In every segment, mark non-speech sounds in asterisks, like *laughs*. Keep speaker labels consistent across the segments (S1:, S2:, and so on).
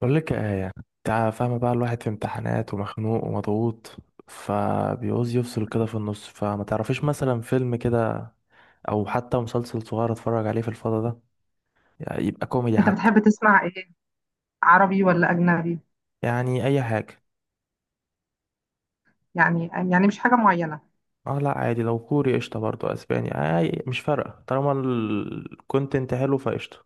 S1: بقول لك يا آية، يعني انت فاهمة بقى، الواحد في امتحانات ومخنوق ومضغوط، فبيعوز يفصل كده في النص. فما تعرفيش مثلا فيلم كده، او حتى مسلسل صغير اتفرج عليه في الفضا ده؟ يعني يبقى كوميدي
S2: انت
S1: حتى.
S2: بتحب تسمع ايه؟ عربي ولا اجنبي؟
S1: يعني اي حاجة.
S2: يعني مش حاجه معينه.
S1: اه لا، عادي، لو كوري قشطة، برضه اسباني. اي، مش فارقة، طالما الكونتنت حلو فقشطة.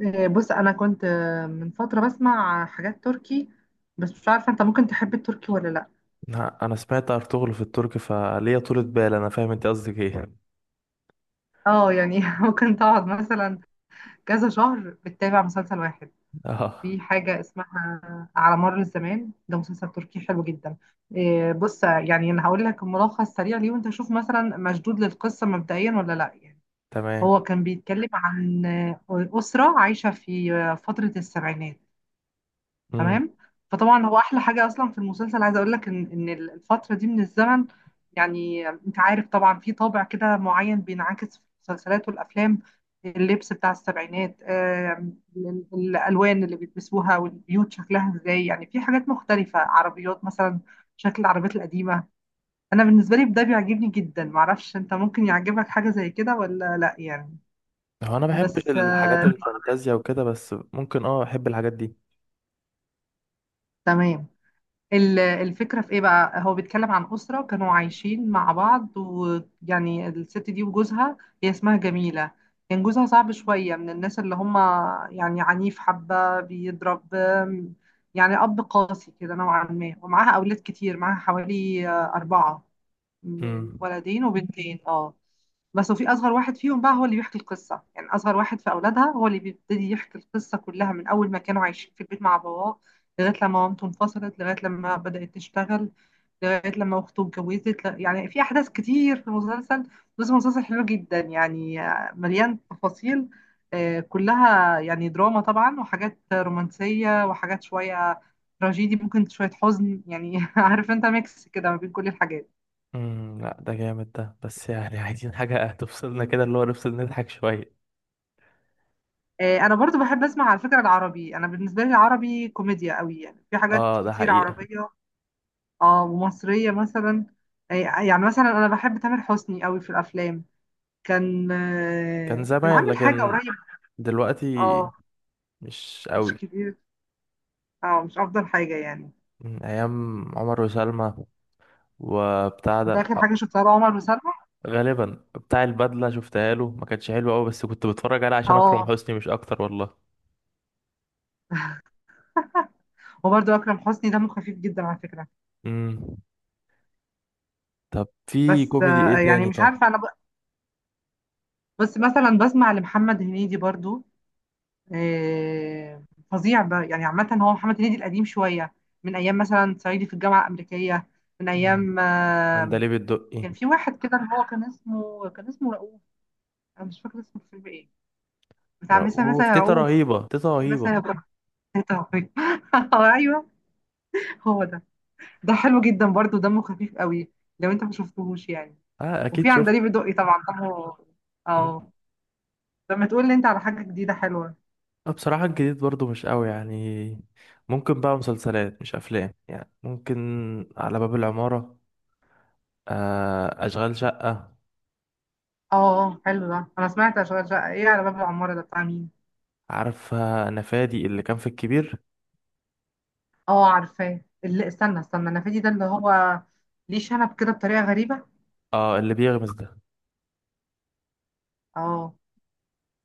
S2: إيه، بص انا كنت من فتره بسمع حاجات تركي، بس مش عارفه انت ممكن تحب التركي ولا لا.
S1: لا، انا سمعت ارطغرل في التركي، فليا طولة بال، انا فاهم انت قصدك ايه.
S2: اه يعني *laughs* ممكن تقعد مثلا كذا شهر بتتابع مسلسل واحد.
S1: *laughs* اه،
S2: في حاجه اسمها على مر الزمان، ده مسلسل تركي حلو جدا. إيه، بص يعني انا هقول لك الملخص سريع ليه، وانت شوف مثلا مشدود للقصه مبدئيا ولا لا يعني.
S1: تمام.
S2: هو كان بيتكلم عن اسره عايشه في فتره السبعينات.
S1: امم.
S2: تمام. فطبعا هو احلى حاجه اصلا في المسلسل، عايزه اقول لك ان الفتره دي من الزمن، يعني انت عارف طبعا في طابع كده معين بينعكس في المسلسلات والافلام. اللبس بتاع السبعينات، الالوان اللي بيلبسوها، والبيوت شكلها ازاي، يعني في حاجات مختلفه، عربيات مثلا، شكل العربيات القديمه. انا بالنسبه لي ده بيعجبني جدا، معرفش انت ممكن يعجبك حاجه زي كده ولا لا يعني.
S1: هو انا بحبش
S2: بس آه،
S1: الحاجات الفانتازيا وكده، بس ممكن احب الحاجات دي.
S2: تمام. الفكرة في ايه بقى؟ هو بيتكلم عن أسرة كانوا عايشين مع بعض، ويعني الست دي وجوزها، هي اسمها جميلة، كان جوزها صعب شوية، من الناس اللي هم يعني عنيف، حبة بيضرب، يعني أب قاسي كده نوعا ما، ومعاها أولاد كتير، معاها حوالي أربعة، من
S1: امم،
S2: ولدين وبنتين اه. بس وفي اصغر واحد فيهم بقى هو اللي بيحكي القصه، يعني اصغر واحد في اولادها هو اللي بيبتدي يحكي القصه كلها، من اول ما كانوا عايشين في البيت مع باباه، لغايه لما مامته انفصلت، لغايه لما بدات تشتغل، لغايه لما اخته اتجوزت، يعني في احداث كتير في المسلسل. بس مسلسل حلو جدا يعني، مليان تفاصيل، كلها يعني دراما طبعا، وحاجات رومانسيه، وحاجات شويه تراجيدي، ممكن شويه حزن يعني، *laughs* عارف انت ميكس كده ما بين كل الحاجات.
S1: امم. لا ده جامد ده، بس يعني *laughs* عايزين حاجة تفصلنا كده، اللي هو نفصل نضحك شوية.
S2: انا برضو بحب اسمع على فكرة العربي، انا بالنسبة لي العربي كوميديا قوي، يعني في حاجات
S1: اه ده
S2: كتير
S1: حقيقة.
S2: عربية، اه ومصرية مثلا. يعني مثلا انا بحب تامر حسني قوي في الافلام، كان
S1: كان
S2: كان
S1: زمان،
S2: عامل حاجة
S1: لكن
S2: قريب.
S1: دلوقتي
S2: اه،
S1: مش
S2: مش
S1: قوي.
S2: كتير، اه مش افضل حاجة يعني.
S1: من ايام عمر وسلمى وبتاع ده
S2: كانت اخر حاجة شفتها له عمر وسلمى.
S1: غالبا بتاع البدلة، شفتها له ما كانتش حلوة قوي، بس كنت بتفرج عليه عشان اكرم
S2: اه.
S1: حسني، مش اكتر والله.
S2: وبرضو اكرم حسني دمه خفيف جدا على فكرة.
S1: امم. طب في
S2: بس
S1: كوميدي
S2: آه،
S1: ايه
S2: يعني
S1: تاني
S2: مش
S1: طيب؟
S2: عارفة بس مثلا بسمع لمحمد هنيدي برضو، آه، فظيع بقى يعني، عامة هو محمد هنيدي القديم شوية، من أيام مثلا صعيدي في الجامعة الأمريكية، من
S1: امم،
S2: أيام آه،
S1: عندليب الدقي.
S2: كان في واحد كده اللي هو كان اسمه رؤوف، أنا مش فاكرة اسمه الفيلم إيه، بتاع مثلا
S1: وفي
S2: يا
S1: تيتا
S2: رؤوف،
S1: رهيبة، تيتا رهيبة.
S2: مثلا يا رؤوف. *laughs* أيوه، هو ده. ده حلو جدا برضو، دمه خفيف قوي، لو أنت ما شفتهوش يعني.
S1: اه
S2: وفي
S1: اكيد شفت.
S2: عندليب الدقي طبعا دمه، اه. طب ما تقول لي أنت على حاجة جديدة حلوة.
S1: أنا بصراحة الجديد برضو مش قوي يعني. ممكن بقى مسلسلات مش أفلام يعني، ممكن على باب العمارة، أشغال شقة.
S2: اه حلو ده، أنا سمعت أشغال شقة. إيه على باب العمارة ده بتاع مين؟
S1: عارفة أنا، فادي اللي كان في الكبير.
S2: اه عارفاه، اللي استنى النفادي ده، اللي هو ليه شنب كده بطريقة غريبة.
S1: اه اللي بيغمز ده.
S2: اه،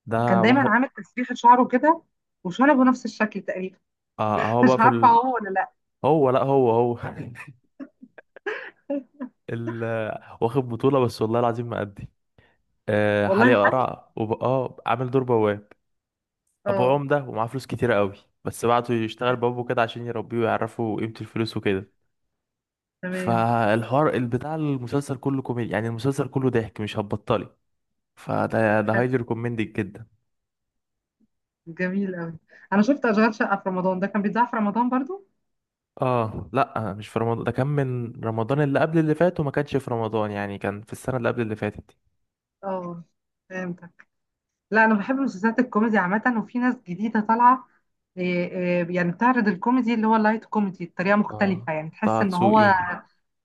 S1: ده
S2: كان دايما
S1: واخد
S2: عامل تسريحة شعره كده، وشنبه نفس الشكل تقريبا.
S1: اه هو
S2: *laughs*
S1: بقى
S2: مش
S1: في
S2: عارفة هو ولا لا.
S1: هو لا، هو هو *laughs* ال... واخد بطولة، بس والله العظيم ما أدي.
S2: والله
S1: حاليا
S2: حلو،
S1: قرع عامل دور بواب. أبوه
S2: اه،
S1: عمدة ومعاه فلوس كتيرة قوي، بس بعته يشتغل بابه كده عشان يربيه ويعرفه قيمة الفلوس وكده.
S2: تمام،
S1: فالحوار البتاع المسلسل كله كوميدي يعني، المسلسل كله ضحك مش هتبطلي. فده
S2: حلو،
S1: هايلي ريكومندد جدا.
S2: جميل قوي. انا شفت اشغال شقة في رمضان ده، كان بيتذاع في رمضان برضو.
S1: اه لا، مش في رمضان ده، كان من رمضان اللي قبل اللي فات، وما كانش في رمضان يعني، كان في السنة اللي قبل اللي فاتت دي.
S2: اه فهمتك. لا، انا بحب مسلسلات الكوميدي عامة، وفي ناس جديدة طالعة، إيه يعني بتعرض الكوميدي اللي هو اللايت كوميدي بطريقة
S1: اه،
S2: مختلفة، يعني
S1: طه
S2: تحس ان
S1: دسوقي.
S2: هو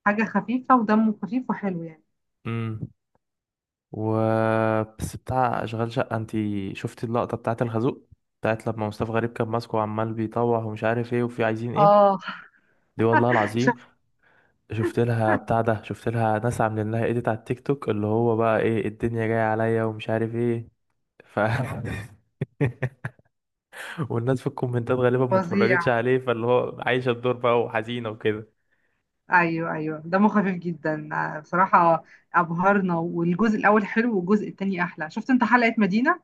S2: حاجة خفيفة ودمه خفيف وحلو يعني.
S1: امم. و بس بتاع اشغال شقة، انتي شفتي اللقطة بتاعت الخازوق، بتاعت لما مصطفى غريب كان ماسكه وعمال بيطوع ومش عارف ايه وفي عايزين ايه؟
S2: اه
S1: دي والله العظيم،
S2: شفت.
S1: شفت لها بتاع ده، شفت لها ناس عاملين لها ايديت على التيك توك، اللي هو بقى ايه الدنيا جاية عليا ومش عارف ايه ف *laughs* والناس في الكومنتات غالبا
S2: فظيع.
S1: متفرجتش عليه، فاللي هو عايشة الدور بقى وحزينة وكده.
S2: ايوه دمه خفيف جدا، بصراحه ابهرنا. والجزء الاول حلو، والجزء التاني احلى. شفت انت حلقه مدينه؟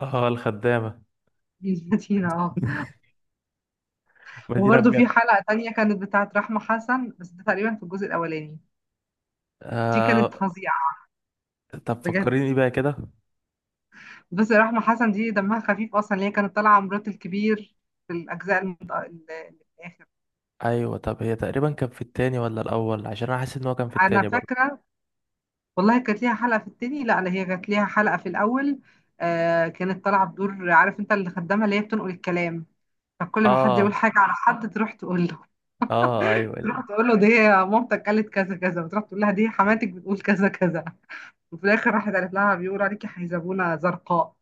S1: اه، الخدامة.
S2: *laughs* مدينه اه.
S1: مدينة
S2: وبرده في
S1: بجد
S2: حلقه تانية كانت بتاعه رحمه حسن، بس ده تقريبا في الجزء الاولاني، دي كانت
S1: آه
S2: فظيعه
S1: طب
S2: بجد.
S1: فكريني بقى كده.
S2: بس رحمه حسن دي دمها خفيف اصلا، اللي هي كانت طالعه مرات الكبير في الاجزاء الاخر.
S1: ايوه، طب هي تقريبا كان في التاني ولا الاول؟ عشان انا حاسس ان هو كان في
S2: انا
S1: التاني برضه.
S2: فاكره، والله كانت ليها حلقة في التاني، لا لا هي كانت ليها حلقة في الأول. آه كانت طالعة بدور، عارف انت، اللي خدامها، اللي هي بتنقل الكلام، فكل ما حد
S1: اه،
S2: يقول حاجة على حد تروح تقول له،
S1: اه، ايوه،
S2: دي مامتك قالت كذا كذا، وتروح تقول لها دي حماتك بتقول كذا كذا، وفي الآخر راحت قالت لها بيقولوا عليكي حيزبونة زرقاء.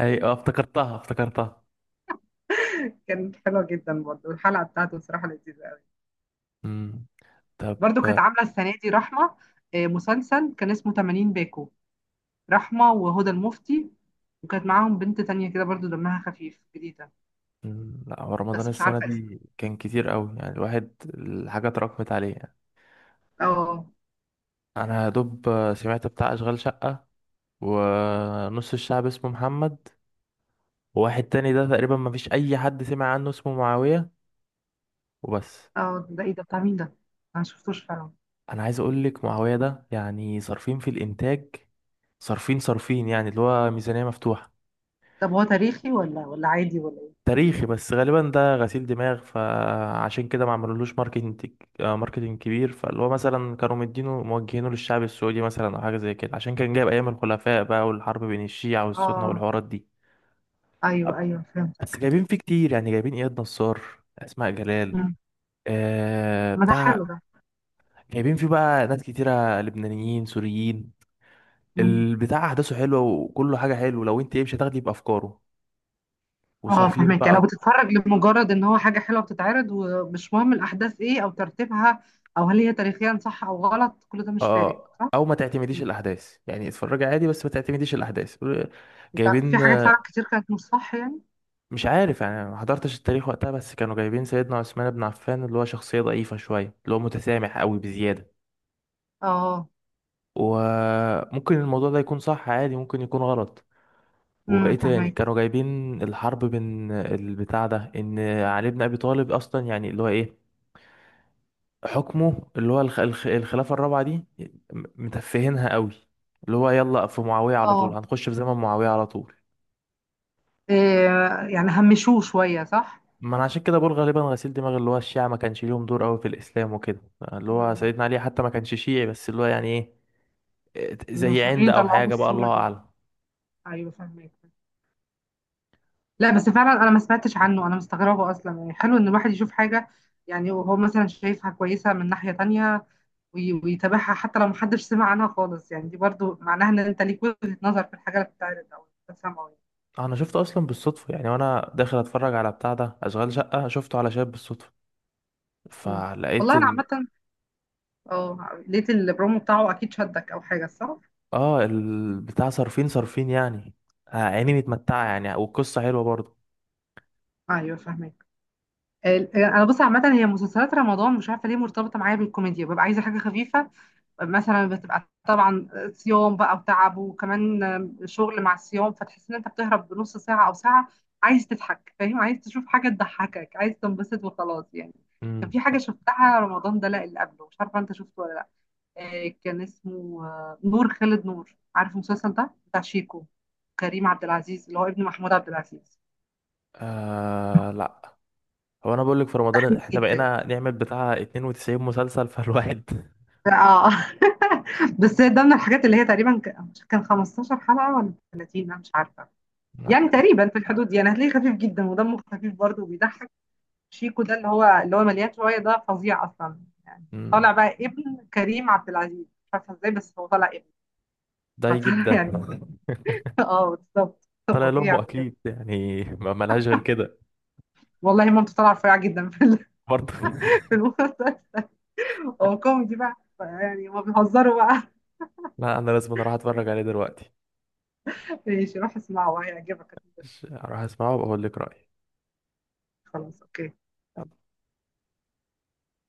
S1: ايوه، افتكرتها، افتكرتها.
S2: كانت حلوة جدا برضه الحلقة بتاعته، بصراحة لذيذة قوي.
S1: امم. طب.
S2: برضه كانت عاملة السنة دي رحمة آه مسلسل كان اسمه 80 باكو، رحمة وهدى المفتي، وكانت معاهم بنت تانية كده برضه دمها خفيف جديدة،
S1: مم، لا، هو رمضان
S2: بس مش
S1: السنة
S2: عارفة اسمه.
S1: دي كان كتير قوي يعني، الواحد الحاجة اتراكمت عليه يعني.
S2: اه.
S1: أنا يا دوب سمعت بتاع أشغال شقة، ونص الشعب اسمه محمد، وواحد تاني ده تقريبا مفيش أي حد سمع عنه اسمه معاوية، وبس.
S2: اه ده ايه ده، بتاع مين ده؟ انا مشفتوش فعلا.
S1: أنا عايز أقولك، معاوية ده يعني صارفين في الإنتاج. صارفين، صارفين يعني، اللي هو ميزانية مفتوحة.
S2: طب هو تاريخي ولا عادي ولا ايه؟
S1: تاريخي، بس غالبا ده غسيل دماغ، فعشان كده ما عملولوش ماركتنج، ماركتنج كبير. فاللي هو مثلا كانوا مدينه موجهينه للشعب السعودي مثلا، او حاجه زي كده، عشان كان جايب ايام الخلفاء بقى، والحرب بين الشيعة والسنة
S2: اه
S1: والحوارات دي.
S2: ايوه
S1: بس
S2: فهمتك.
S1: جايبين فيه كتير يعني، جايبين اياد نصار، اسماء جلال
S2: مم. ما ده حلو
S1: بتاع.
S2: ده.
S1: جايبين فيه بقى ناس كتيرة، لبنانيين، سوريين.
S2: مم.
S1: البتاع احداثه حلوة، وكله حاجة حلوة، لو انت ايه، مش هتاخدي بافكاره.
S2: اه
S1: وصارفين
S2: فهمك، يعني لو
S1: بقى.
S2: بتتفرج لمجرد ان هو حاجة حلوة بتتعرض، ومش مهم الاحداث ايه او ترتيبها، او هل هي تاريخيا صح او غلط، كل ده مش فارق
S1: اه،
S2: صح.
S1: او ما تعتمديش
S2: مم.
S1: الاحداث يعني، اتفرجي عادي، بس ما تعتمديش الاحداث.
S2: لا، في
S1: جايبين
S2: حاجات فعلا كتير كانت مش صح يعني.
S1: مش عارف يعني، أنا ما حضرتش التاريخ وقتها، بس كانوا جايبين سيدنا عثمان بن عفان اللي هو شخصية ضعيفة شوية، اللي هو متسامح قوي بزيادة.
S2: اه.
S1: وممكن الموضوع ده يكون صح عادي، ممكن يكون غلط. وايه تاني،
S2: فهمك.
S1: كانوا جايبين الحرب بين البتاع ده، ان علي بن ابي طالب اصلا يعني، اللي هو ايه، حكمه، اللي هو الخلافة الرابعة دي متفهينها قوي، اللي هو يلا في معاوية على طول،
S2: اه.
S1: هنخش في زمن معاوية على طول.
S2: إيه يعني همشوه شوية صح.
S1: ما انا عشان كده بقول غالبا غسيل دماغ، اللي هو الشيعة ما كانش ليهم دور قوي في الاسلام وكده، اللي هو
S2: مم.
S1: سيدنا علي حتى ما كانش شيعي، بس اللي هو يعني ايه، إيه، زي عند
S2: المصريين
S1: او
S2: طلعوه
S1: حاجة بقى،
S2: بالصورة
S1: الله
S2: دي.
S1: اعلم.
S2: ايوه فاهمك. لا بس فعلا انا ما سمعتش عنه، انا مستغربه اصلا يعني، حلو ان الواحد يشوف حاجه، يعني وهو مثلا شايفها كويسه من ناحيه تانية، ويتابعها حتى لو محدش سمع عنها خالص، يعني دي برضو معناها ان انت ليك وجهه نظر في الحاجه اللي بتتعرض او بتسمعها يعني.
S1: انا شفته اصلا بالصدفة يعني، وانا داخل اتفرج على بتاع ده اشغال شقة، شفته على شاب بالصدفة،
S2: مم.
S1: فلقيت
S2: والله انا عامه، اه لقيت البرومو بتاعه اكيد شدك او حاجه صح.
S1: اه، البتاع صارفين صارفين يعني، عيني متمتعة يعني، والقصة حلوة برضه.
S2: ايوه فاهمك. انا بص عامه هي مسلسلات رمضان مش عارفه ليه مرتبطه معايا بالكوميديا، ببقى عايزه حاجه خفيفه، مثلا بتبقى طبعا صيام بقى وتعب، وكمان شغل مع الصيام، فتحس ان انت بتهرب بنص ساعة او ساعة، عايز تضحك فاهم، عايز تشوف حاجة تضحكك، عايز تنبسط وخلاص يعني.
S1: امم.
S2: كان في حاجة شفتها رمضان ده، لا اللي قبله، مش عارفة انت شفته ولا لا، كان اسمه نور خالد نور، عارف المسلسل ده بتاع شيكو كريم عبد العزيز اللي هو ابن محمود عبد العزيز.
S1: لا، هو انا بقول لك في رمضان
S2: تحميد
S1: احنا
S2: جدا.
S1: بقينا نعمل بتاع 92 مسلسل فالواحد.
S2: اه. *laughs* بس ده من الحاجات اللي هي تقريبا كان 15 حلقة ولا 30، انا مش عارفة،
S1: *laughs* لا.
S2: يعني تقريبا في الحدود دي، انا هتلاقيه خفيف جدا ودمه خفيف برضه وبيضحك. شيكو ده اللي هو مليان شويه ده، فظيع اصلا يعني،
S1: مم.
S2: طالع بقى ابن كريم عبد العزيز مش عارفه ازاي، بس هو طالع ابن،
S1: ده يجيب
S2: فطالع
S1: ده.
S2: يعني. *laughs* اه بالظبط
S1: طلع
S2: فظيع
S1: لأمه
S2: بجد.
S1: أكيد يعني، ما ملهاش غير كده.
S2: والله مامته طالعه رفيعه جدا في
S1: برضه *laughs*
S2: *laughs* في المسلسل، هو كوميدي بقى يعني، هما بيهزروا بقى.
S1: لا، أنا لازم أروح أتفرج عليه دلوقتي،
S2: *laughs* ماشي روح اسمعه هيعجبك.
S1: أروح أسمعه وأقول لك رأيي.
S2: خلاص اوكي.